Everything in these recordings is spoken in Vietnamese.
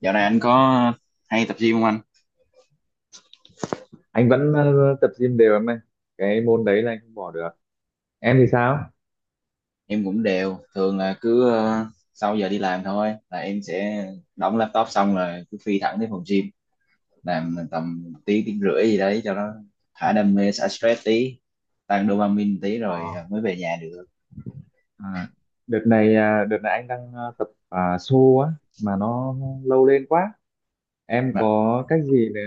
Dạo này anh có hay tập gym không anh? Anh vẫn tập gym đều em ơi. Cái môn đấy là anh không bỏ được. Em thì sao? Em cũng đều, thường là cứ sau giờ đi làm thôi là em sẽ đóng laptop xong rồi cứ phi thẳng tới phòng gym, làm tầm tiếng tiếng rưỡi gì đấy cho nó thả đam mê, xả stress tí, tăng dopamine tí Ờ, rồi mới về nhà được. à, đợt này anh đang tập xô á, mà nó lâu lên quá. Em Mà- có cách gì để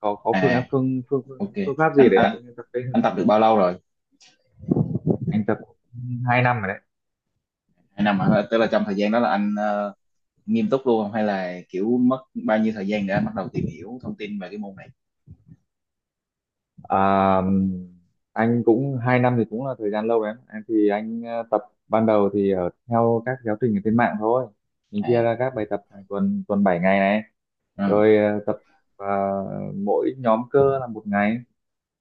có phương án À, phương phương phương ok. phương pháp gì Anh để à, anh tập đây anh không? tập được bao lâu rồi? Anh tập 2 năm rồi. 2 năm hả? Tức là trong thời gian đó là anh nghiêm túc luôn không hay là kiểu mất bao nhiêu thời gian để anh bắt đầu tìm hiểu thông tin về cái môn này? À, anh cũng 2 năm thì cũng là thời gian lâu đấy em. Em thì anh tập ban đầu thì ở theo các giáo trình ở trên mạng thôi, mình chia À, ra các bài tập hàng tuần, tuần 7 ngày này, ừ. rồi tập ờ, mỗi nhóm cơ là một ngày.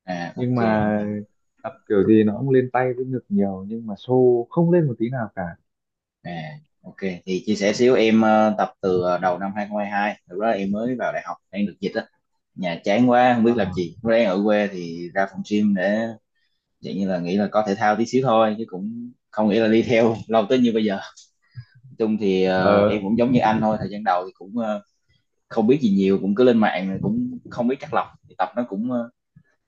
À, Nhưng ok. mà tập kiểu gì nó cũng lên tay với ngực nhiều, nhưng mà xô không lên một tí nào cả. À, ok, thì chia sẻ xíu, em tập từ đầu năm 2022, lúc đó em mới vào đại học, đang được dịch á, nhà chán quá không biết ờ làm gì, lúc đó em ở quê thì ra phòng gym để dạng như là nghĩ là có thể thao tí xíu thôi chứ cũng không nghĩ là đi theo lâu tới như bây giờ. Nói chung thì em ờ cũng giống như anh thôi, thời gian đầu thì cũng không biết gì nhiều, cũng cứ lên mạng rồi cũng không biết chắc lọc thì tập nó cũng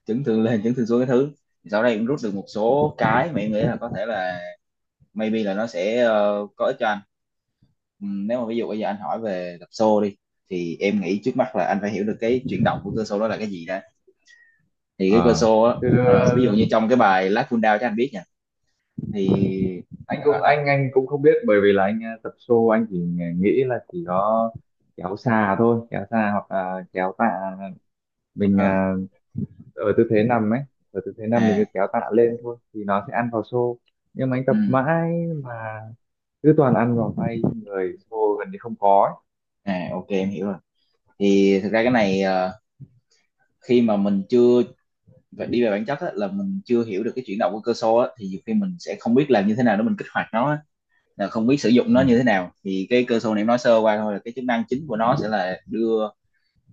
chấn thương lên chấn thương xuống cái thứ. Thì sau đây cũng rút được một số cái mà em nghĩ là có thể là maybe là nó sẽ có ích cho anh. Nếu mà ví dụ bây giờ anh hỏi về tập xô đi thì em nghĩ trước mắt là anh phải hiểu được cái chuyển động của cơ xô đó là cái gì đó, thì cái cơ ờ. xô á, Chứ ví dụ như trong cái bài Last Full Down cho anh biết nha, thì anh ờ, cũng anh- anh anh cũng không biết bởi vì là anh tập show, anh chỉ nghĩ là chỉ có kéo xà thôi, kéo xà hoặc là kéo tạ, mình ờ, ờ, ở tư thế nằm ấy, ở tư thế nằm mình cứ à, kéo tạ lên thôi thì nó sẽ ăn vào show, nhưng mà anh tập ừm, mãi mà cứ toàn ăn vào tay, người show gần như không có ấy. à ok em hiểu rồi. Thì thực ra cái này khi mà mình chưa phải đi về bản chất á, là mình chưa hiểu được cái chuyển động của cơ xô á, thì nhiều khi mình sẽ không biết làm như thế nào để mình kích hoạt nó á, là không biết sử dụng Ừ. nó như thế nào. Thì cái cơ xô này em nói sơ qua thôi, là cái chức năng chính của nó sẽ là đưa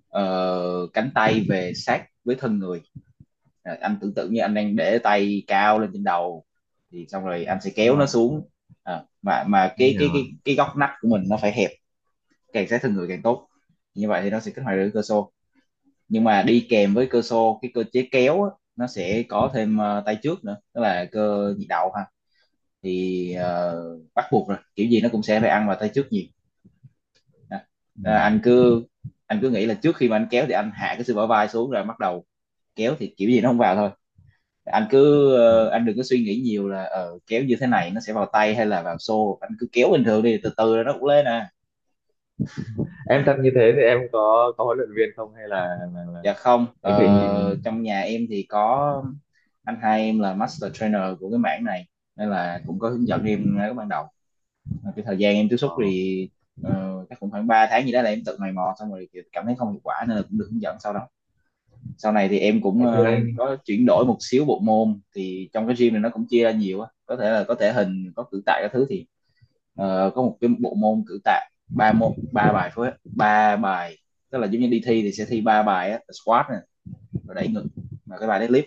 cánh tay về sát với thân người. Anh tưởng tượng như anh đang để tay cao lên trên đầu thì xong rồi anh sẽ kéo Rồi, nó xuống, mà anh cái hiểu cái rồi. cái cái góc nách của mình nó phải hẹp, càng sát thân người càng tốt, như vậy thì nó sẽ kích hoạt được cơ xô. Nhưng mà đi kèm Ừ. với cơ xô, cái cơ chế kéo á, nó sẽ có thêm tay trước nữa, tức là cơ nhị đầu ha. Thì bắt buộc rồi, kiểu gì nó cũng sẽ phải ăn vào tay trước nhiều. à, Ừ. à, anh cứ anh cứ nghĩ là trước khi mà anh kéo thì anh hạ cái sự bả vai xuống rồi bắt đầu kéo thì kiểu gì nó không vào thôi. Anh cứ Ờ. Anh đừng có suy nghĩ nhiều là kéo như thế này nó sẽ vào tay hay là vào xô, anh cứ kéo bình thường đi, từ từ rồi nó cũng lên à. Em tập như thế thì em có huấn luyện viên không, hay là Dạ không, em tự nhìn? trong nhà em thì có anh hai em là master trainer của cái mảng này nên là cũng có hướng dẫn em ngay lúc ban đầu. Cái thời gian em tiếp xúc ờ. thì chắc cũng khoảng 3 tháng gì đó là em tự mày mò, xong rồi kiểu cảm thấy không hiệu quả nên là cũng được hướng dẫn sau đó. Sau này thì em cũng Ngày xưa anh. có chuyển đổi một xíu bộ môn, thì trong cái gym này nó cũng chia ra nhiều á, có thể là có thể hình, có cử tạ các thứ. Thì có một cái bộ môn cử tạ ba môn, ba bài, phối ba bài, tức là giống như đi thi thì sẽ thi ba bài á, squat nè, rồi đẩy ngực, và cái bài deadlift,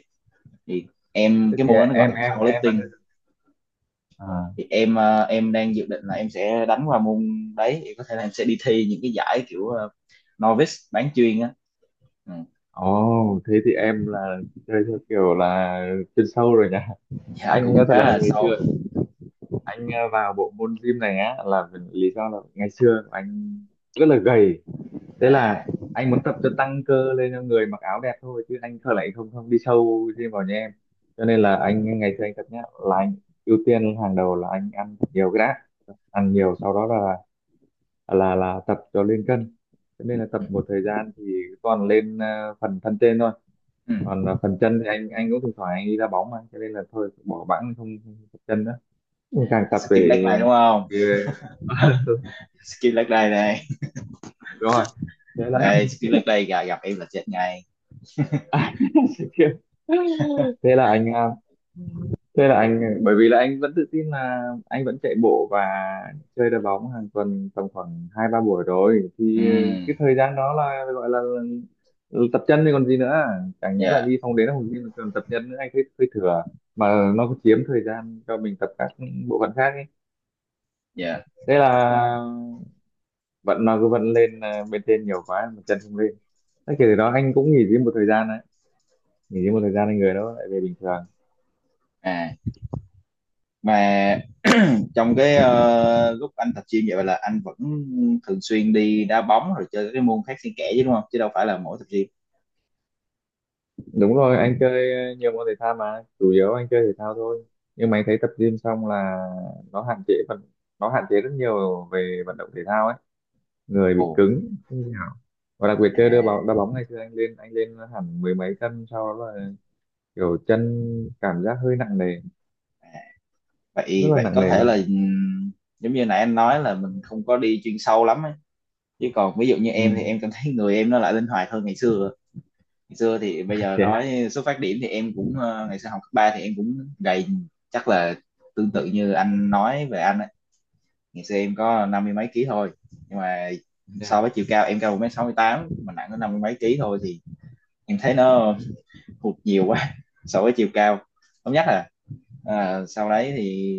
thì em Thế cái thì môn đó nó gọi em là em em là powerlifting. thế à. Thì em đang dự định là em sẽ đánh qua môn đấy, thì có thể là em sẽ đi thi những cái giải kiểu novice bán chuyên á. Ừ. Ồ, thế thì em là chơi theo kiểu là chuyên sâu rồi nha. Dạ Anh á, cũng thật khá là là anh ngày sâu. xưa anh vào bộ môn gym này á là lý do là ngày xưa anh rất là gầy. Thế À, là anh muốn tập cho tăng cơ lên cho người mặc áo đẹp thôi, chứ anh thật lại không không đi sâu gym vào như em. Cho nên à. là anh ngày xưa anh tập nhá, là anh ưu tiên hàng đầu là anh ăn thật nhiều cái đã. Ăn Ừ. nhiều sau đó là tập cho lên cân. Cho Ừ. nên là tập một thời gian thì toàn lên phần thân trên thôi, Ừ. còn phần chân thì anh cũng thỉnh thoảng anh đi đá bóng mà, cho nên là thôi bỏ bẵng, không tập chân nữa, càng À, tập skip leg day về đúng không? về- Skip leg day đây. đúng rồi, thế là Đây, skip leg day gặp, gặp em là chết ngay. à, thế là anh thế là anh, bởi vì là anh vẫn tự tin là anh vẫn chạy bộ và chơi đá bóng hàng tuần tầm khoảng hai ba buổi rồi, Ừ, thì cái thời gian đó là gọi là tập chân thì còn gì nữa, chẳng nhẽ là dạ, đi phòng đến phòng gym mà còn tập chân nữa, anh thấy hơi thừa, mà nó cũng chiếm thời gian cho mình tập các bộ phận khác ấy. dạ. Thế là vận nó cứ vận lên bên trên nhiều quá mà chân không lên, thế kể từ đó anh cũng nghỉ gym một thời gian đấy, nghỉ gym một thời gian anh người đó lại về bình thường. À, mà trong cái lúc anh tập gym vậy là anh vẫn thường xuyên đi đá bóng rồi chơi các cái môn khác xen kẽ chứ đúng không? Chứ đâu phải là mỗi tập gym. Đúng rồi, anh chơi nhiều môn thể thao, mà chủ yếu anh chơi thể thao thôi. Nhưng mà anh thấy tập gym xong là nó hạn chế phần nó hạn chế rất nhiều về vận động thể thao ấy, người Ồ, bị cứng không thể nào, và đặc biệt à, chơi đá bóng ngày xưa anh lên hẳn mười mấy cân, sau đó là kiểu chân cảm giác hơi nặng nề, rất vậy là vậy nặng có nề thể là luôn. Giống như nãy anh nói là mình không có đi chuyên sâu lắm ấy. Chứ còn ví dụ như Ừ. em thì em cảm thấy người em nó lại linh hoạt hơn ngày xưa thì bây giờ Thế hả? nói xuất phát điểm thì em cũng ngày xưa học cấp ba thì em cũng gầy, chắc là tương tự như anh nói về anh ấy. Ngày xưa em có năm mươi mấy ký thôi, nhưng mà so Dạ. với chiều cao, em cao 1,68 m mà nặng có năm mươi mấy ký thôi thì em thấy nó hụt nhiều quá so với chiều cao. Không, nhất là sau đấy thì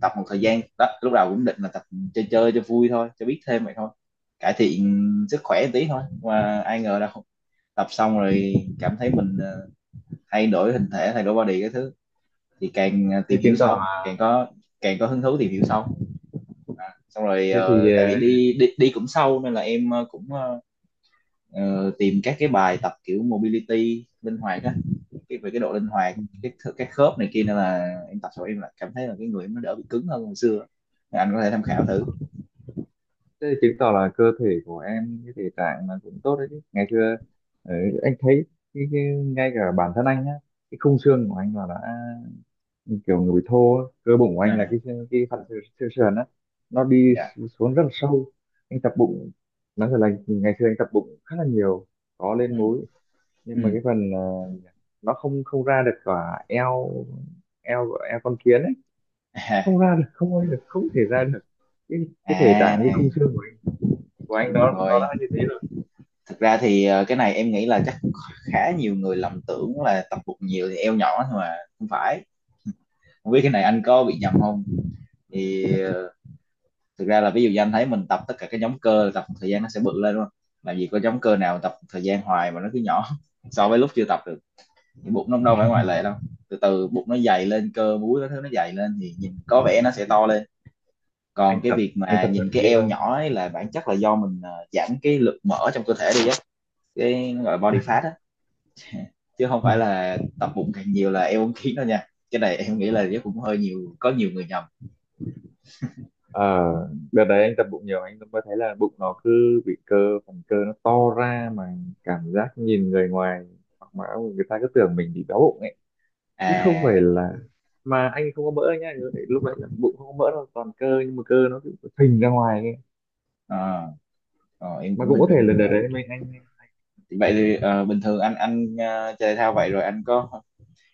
tập một thời gian đó, lúc đầu cũng định là tập chơi chơi cho vui thôi, cho biết thêm vậy thôi, cải thiện sức khỏe một tí thôi, mà ai ngờ đâu tập xong rồi cảm thấy mình thay đổi hình thể, thay đổi body cái thứ, thì càng thế tìm hiểu chứng tỏ sâu là càng có hứng thú tìm hiểu sâu, xong rồi thế thì tại vì đi đi đi cũng sâu nên là em tìm các cái bài tập kiểu mobility linh hoạt á, cái về cái độ linh hoạt cái khớp này kia, nên là em tập xong em lại cảm thấy là cái người em nó đỡ bị cứng hơn hồi xưa, anh có thể tham khảo ờ, thử. Thế thì chứng tỏ là cơ thể của em, cái thể trạng là cũng tốt đấy chứ. Ngày xưa ờ, anh thấy ngay cả bản thân anh á, cái khung xương của anh là đã kiểu người bị thô á. Cơ bụng của anh là À, cái phần xương xương sườn á, nó đi dạ. xuống rất là sâu. Anh tập bụng, nói thật là ngày xưa anh tập bụng khá là nhiều, có Ừ. lên múi, Ừ. nhưng mà cái phần nó không không ra được cả eo, eo con kiến ấy, À, không ra được, không ra được, không thể ra được, cái cái thể à, trạng cái khung xương của anh đúng nó đã rồi. như thế rồi. Thực ra thì cái này em nghĩ là chắc cũng khá nhiều người lầm tưởng là tập bụng nhiều thì eo nhỏ, nhưng mà không phải. Không biết cái này anh có bị nhầm không, thì thực ra là, ví dụ như anh thấy mình tập tất cả các nhóm cơ, tập một thời gian nó sẽ bự lên đúng không, làm gì có nhóm cơ nào tập một thời gian hoài mà nó cứ nhỏ so với lúc chưa tập được, thì bụng nó đâu phải ngoại lệ đâu, từ từ bụng nó dày lên, cơ múi nó thứ nó dày lên thì nhìn có vẻ nó sẽ to lên. Còn anh cái tập việc anh mà tập thuần nhìn cái túy eo thôi. nhỏ ấy là bản chất là do mình giảm cái lượng mỡ trong cơ thể đi á, cái nó gọi là body fat á, chứ không phải là tập bụng càng nhiều là eo uốn khiến đâu nha, cái này em nghĩ là chắc cũng hơi nhiều, có nhiều người nhầm. Ờ, đợt đấy anh tập bụng nhiều anh mới thấy là bụng nó cứ bị cơ, phần cơ nó to ra mà, cảm giác nhìn người ngoài hoặc mà người ta cứ tưởng mình bị béo bụng ấy, chứ không À. phải là, mà anh không có mỡ nhá, lúc đấy là bụng không có mỡ đâu, toàn cơ nhưng mà cơ nó cứ phình ra ngoài ấy. ờ, em Mà cũng cũng hình có thể dung là được đợt rồi. đấy mình anh, Thì vậy thì bình thường anh chơi thể thao vậy rồi anh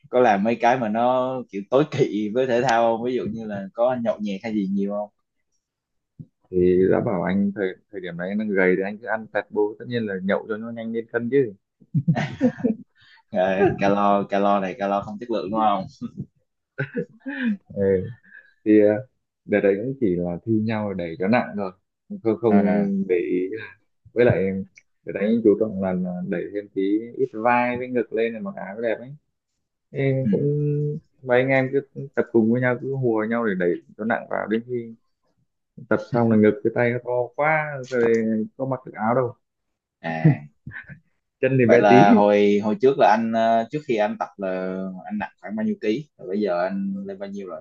có làm mấy cái mà nó kiểu tối kỵ với thể thao không, ví dụ như là có nhậu nhẹt hay gì nhiều không? thì đã bảo anh thời thời điểm đấy anh đang gầy thì anh cứ ăn tẹt bô, tất nhiên là nhậu cho nó nhanh lên cân chứ. Calo, calo này calo không chất lượng đúng không? Ừ. Thì đợt đấy cũng chỉ là thi nhau để cho nặng thôi, không không À, để ý. Với lại đợt đấy chú trọng là đẩy thêm tí ít vai với ngực lên là mặc áo đẹp ấy. Thế ừ. cũng mấy anh em cứ tập cùng với nhau, cứ hùa nhau để đẩy cho nặng vào, đến khi tập xong là ngực cái tay nó to quá, rồi có mặc được áo đâu, À, chân thì vậy bé tí. là hồi hồi trước là anh trước khi anh tập là anh nặng khoảng bao nhiêu ký rồi bây giờ anh lên bao nhiêu rồi?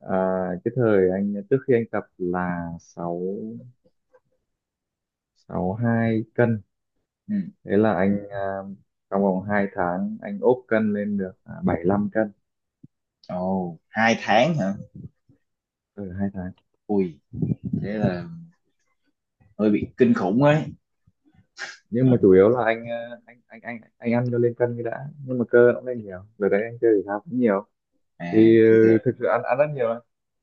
à, cái thời anh trước khi anh tập là sáu sáu hai cân, Ừ. thế là anh trong vòng 2 tháng anh ốp cân lên được 75 cân. Ồ, 2 tháng hả? Ở 2 tháng, Ui, thế là hơi bị kinh khủng ấy. nhưng mà chủ yếu là anh anh ăn cho lên cân cái đã, nhưng mà cơ nó cũng lên nhiều rồi đấy, anh chơi thể thao cũng nhiều, À, thì thì thiệt. thực sự ăn ăn rất nhiều đấy.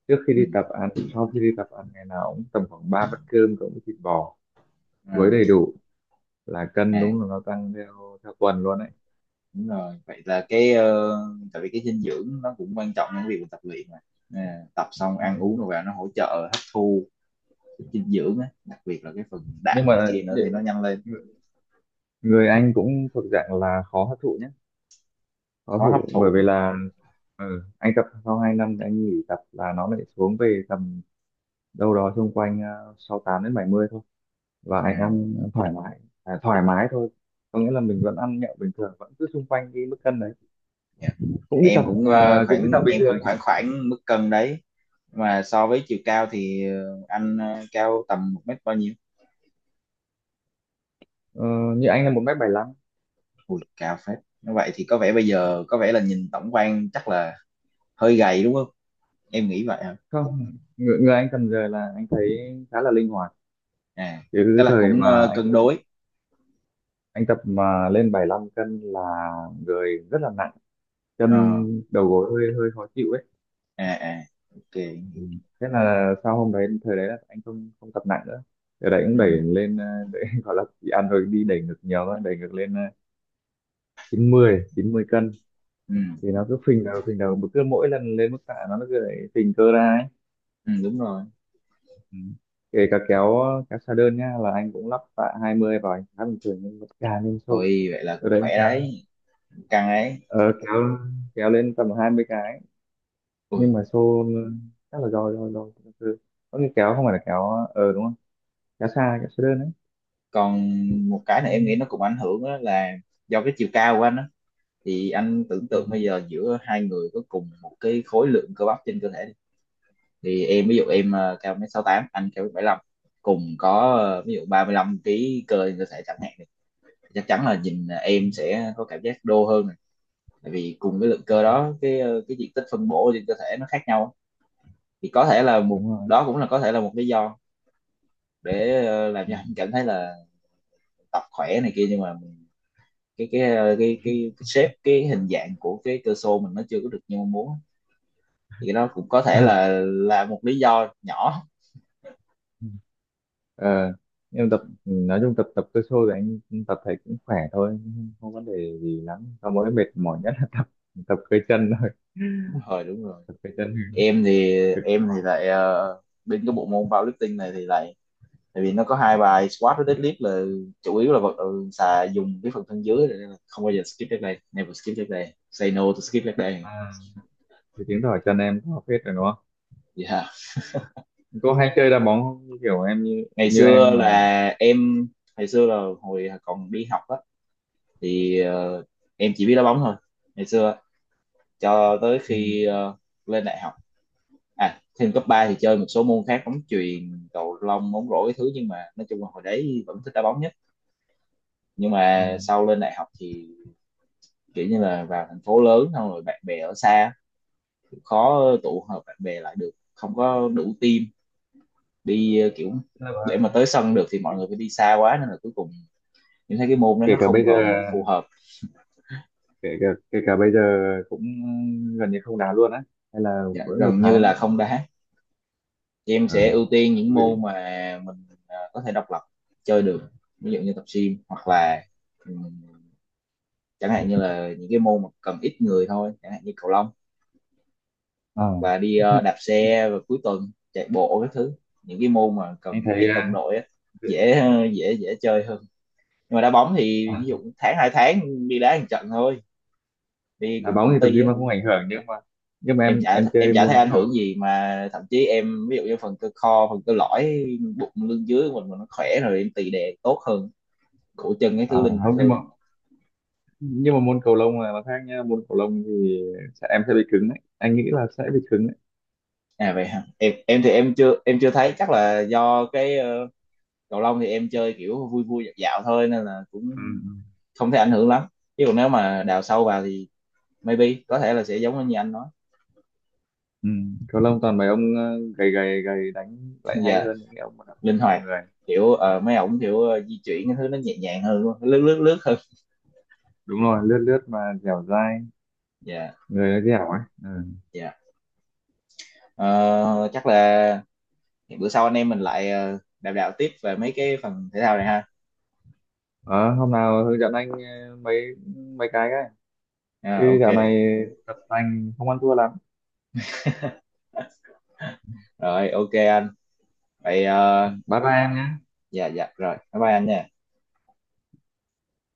Trước khi Ừ. đi tập ăn, sau khi đi tập ăn, ngày nào cũng tầm khoảng 3 bát cơm cộng với thịt bò, chuối À, đầy đủ, là cân à, đúng là nó tăng theo theo tuần luôn đấy. đúng rồi. Vậy là cái tại vì cái dinh dưỡng nó cũng quan trọng trong việc mình tập luyện mà. À, tập xong Ừ. ăn uống rồi vào nó hỗ trợ hấp thu cái dinh dưỡng á, đặc biệt là cái phần Nhưng đạm này mà kia nữa thì nó nhanh lên, người anh cũng thuộc dạng là khó hấp thụ nhé, khó khó hấp thủ bởi thụ. vì là anh tập sau 2 năm thì anh nghỉ tập là nó lại xuống về tầm đâu đó xung quanh 68 đến 70 thôi, và anh À, ăn thoải mái thôi, có nghĩa là mình vẫn ăn nhậu bình thường vẫn cứ xung quanh cái mức cân đấy, dạ. cũng đi Em tập cũng ờ, ờ, cũng đi khoảng tập bình em cũng thường nhé. khoảng khoảng mức cân đấy. Mà so với chiều cao thì anh cao tầm một mét bao nhiêu? Ờ, như anh là 1m75. Ui, cao phết. Như vậy thì có vẻ bây giờ, có vẻ là nhìn tổng quan chắc là hơi gầy, đúng không? Em nghĩ vậy hả? Không, người anh cần giờ là anh thấy khá là linh hoạt, À, chứ tức cái là thời cũng mà cân đối. anh tập mà lên 75 cân là người rất là nặng, chân, Ờ. đầu gối hơi hơi khó chịu ấy. À à. Ok. Ừ. Thế là sau hôm đấy, thời đấy là anh không không tập nặng nữa, thời đấy cũng Ừ, đẩy lên đẩy, gọi là chỉ ăn rồi đi đẩy ngược nhiều thôi, đẩy ngược lên chín mươi cân, ừ, thì nó cứ phình đầu phình đầu, cứ mỗi lần lên mức tạ nó cứ đẩy phình cơ ra ấy. ừ, đúng rồi. Ừ. Kể cả kéo kéo xa đơn nhá là anh cũng lắp tạ 20 vào, anh khá bình thường, nhưng mà càng lên xô, Ôi vậy là từ cũng đấy khỏe kéo đấy, căng ấy. ờ, kéo kéo lên tầm 20 cái, nhưng Ui. mà xô chắc là do có khi kéo không phải là kéo đúng không, kéo xa đơn đấy. Còn một cái này em nghĩ nó cũng ảnh hưởng á, là do cái chiều cao của anh á. Thì anh tưởng Ừ. tượng bây giờ giữa hai người có cùng một cái khối lượng cơ bắp trên cơ thể đi. Thì em ví dụ em cao 1m68, anh cao 1m75, cùng có ví dụ 35 kg cơ trên cơ thể chẳng hạn, thì chắc chắn là nhìn em sẽ có cảm giác đô hơn, tại vì cùng cái lượng Ừ, cơ đó, cái diện tích phân bổ trên cơ thể nó khác nhau. Thì có thể là một, đúng rồi. đó cũng là có thể là một lý do để làm Ừ. cho anh cảm thấy là tập khỏe này kia, nhưng mà cái shape, cái hình dạng của cái cơ xô mình nó chưa có được như mong muốn. Thì cái đó cũng có thể là là một lý do nhỏ. Ờ, nhưng tập nói chung tập tập cơ sô thì anh tập thấy cũng khỏe thôi, không không vấn đề gì lắm, sau mỗi mệt mỏi nhất là tập tập cơ chân thôi, Đúng rồi, đúng rồi. tập cơ chân em thì cực kỳ em mỏi. thì lại bên cái bộ môn powerlifting này thì lại, tại vì nó có hai bài squat với deadlift, là chủ yếu là vật xà, dùng cái phần thân dưới, nên là không bao giờ skip leg day. Never skip leg day. Say no to skip leg day. À, thì chứng tỏ chân em có phết rồi đúng không? Yeah. Có hay chơi đá bóng không? Kiểu em như ngày như xưa em mà. là em ngày xưa là hồi còn đi học á, thì em chỉ biết đá bóng thôi ngày xưa, cho tới Ừ, khi lên đại học. À, thêm cấp 3 thì chơi một số môn khác: bóng chuyền, cầu lông, bóng rổ cái thứ, nhưng mà nói chung là hồi đấy vẫn thích đá bóng nhất. Nhưng ừ. mà sau lên đại học thì kiểu như là vào thành phố lớn xong rồi bạn bè ở xa, khó tụ hợp bạn bè lại được, không có đủ team, kiểu Tức là để mà tới sân được thì mọi người phải đi xa quá, nên là cuối cùng những thấy cái môn đó kể nó cả không bây còn giờ phù hợp. Kể cả bây giờ cũng gần như không đá luôn á, hay là Dạ, mỗi một gần như tháng là vẫn không đá. Thì em ờ sẽ ưu tiên những ừ. môn mà mình có thể độc lập chơi được, ví dụ như tập gym hoặc là ừm, chẳng hạn như là những cái môn mà cần ít người thôi, chẳng hạn như cầu lông, Ờ. hoặc là đi đạp xe vào cuối tuần, chạy bộ các thứ. Những cái môn mà Anh cần thấy ít đồng đội á, dễ dễ dễ chơi hơn. Nhưng mà đá bóng thì à, ví dụ tháng hai tháng đi đá một trận thôi, đi đá cùng bóng công thì tập ty gym á. mà không ảnh hưởng, nhưng mà nhưng mà em em chả em em chơi chả thấy môn ảnh cầu hưởng gì, mà thậm chí em ví dụ như phần cơ lõi, bụng lưng dưới của mình mà nó khỏe rồi em tì đè tốt hơn, cổ chân cái à, thứ linh hoạt không, nhưng hơn. mà nhưng mà môn cầu lông là nó khác nha, môn cầu lông thì em sẽ bị cứng đấy, anh nghĩ là sẽ bị cứng đấy. À vậy hả? Em em thì em chưa em chưa thấy, chắc là do cái, cầu lông thì em chơi kiểu vui vui dạo dạo thôi nên là cũng Ừ. Ừ. không thấy ảnh hưởng lắm, chứ còn nếu mà đào sâu vào thì maybe có thể là sẽ giống như anh nói. Ừ, cầu lông toàn mấy ông gầy gầy gầy đánh lại hay Dạ. hơn những cái ông mà đập Linh đập hoạt, người, kiểu mấy ổng kiểu di chuyển cái thứ nó nhẹ nhàng hơn luôn, lướt lướt lướt hơn. đúng rồi lướt lướt mà dẻo dai, Dạ người nó dẻo ấy, ừ. dạ. Ờ, chắc là bữa sau anh em mình lại đàm đạo tiếp về mấy cái phần thể thao này ha. Ờ, hôm nào hướng dẫn anh mấy mấy cái, À, chứ ok. dạo này tập tành không ăn thua lắm. Rồi ok anh. Vậy Bye bye em nhé. dạ dạ rồi, bye bye anh nha.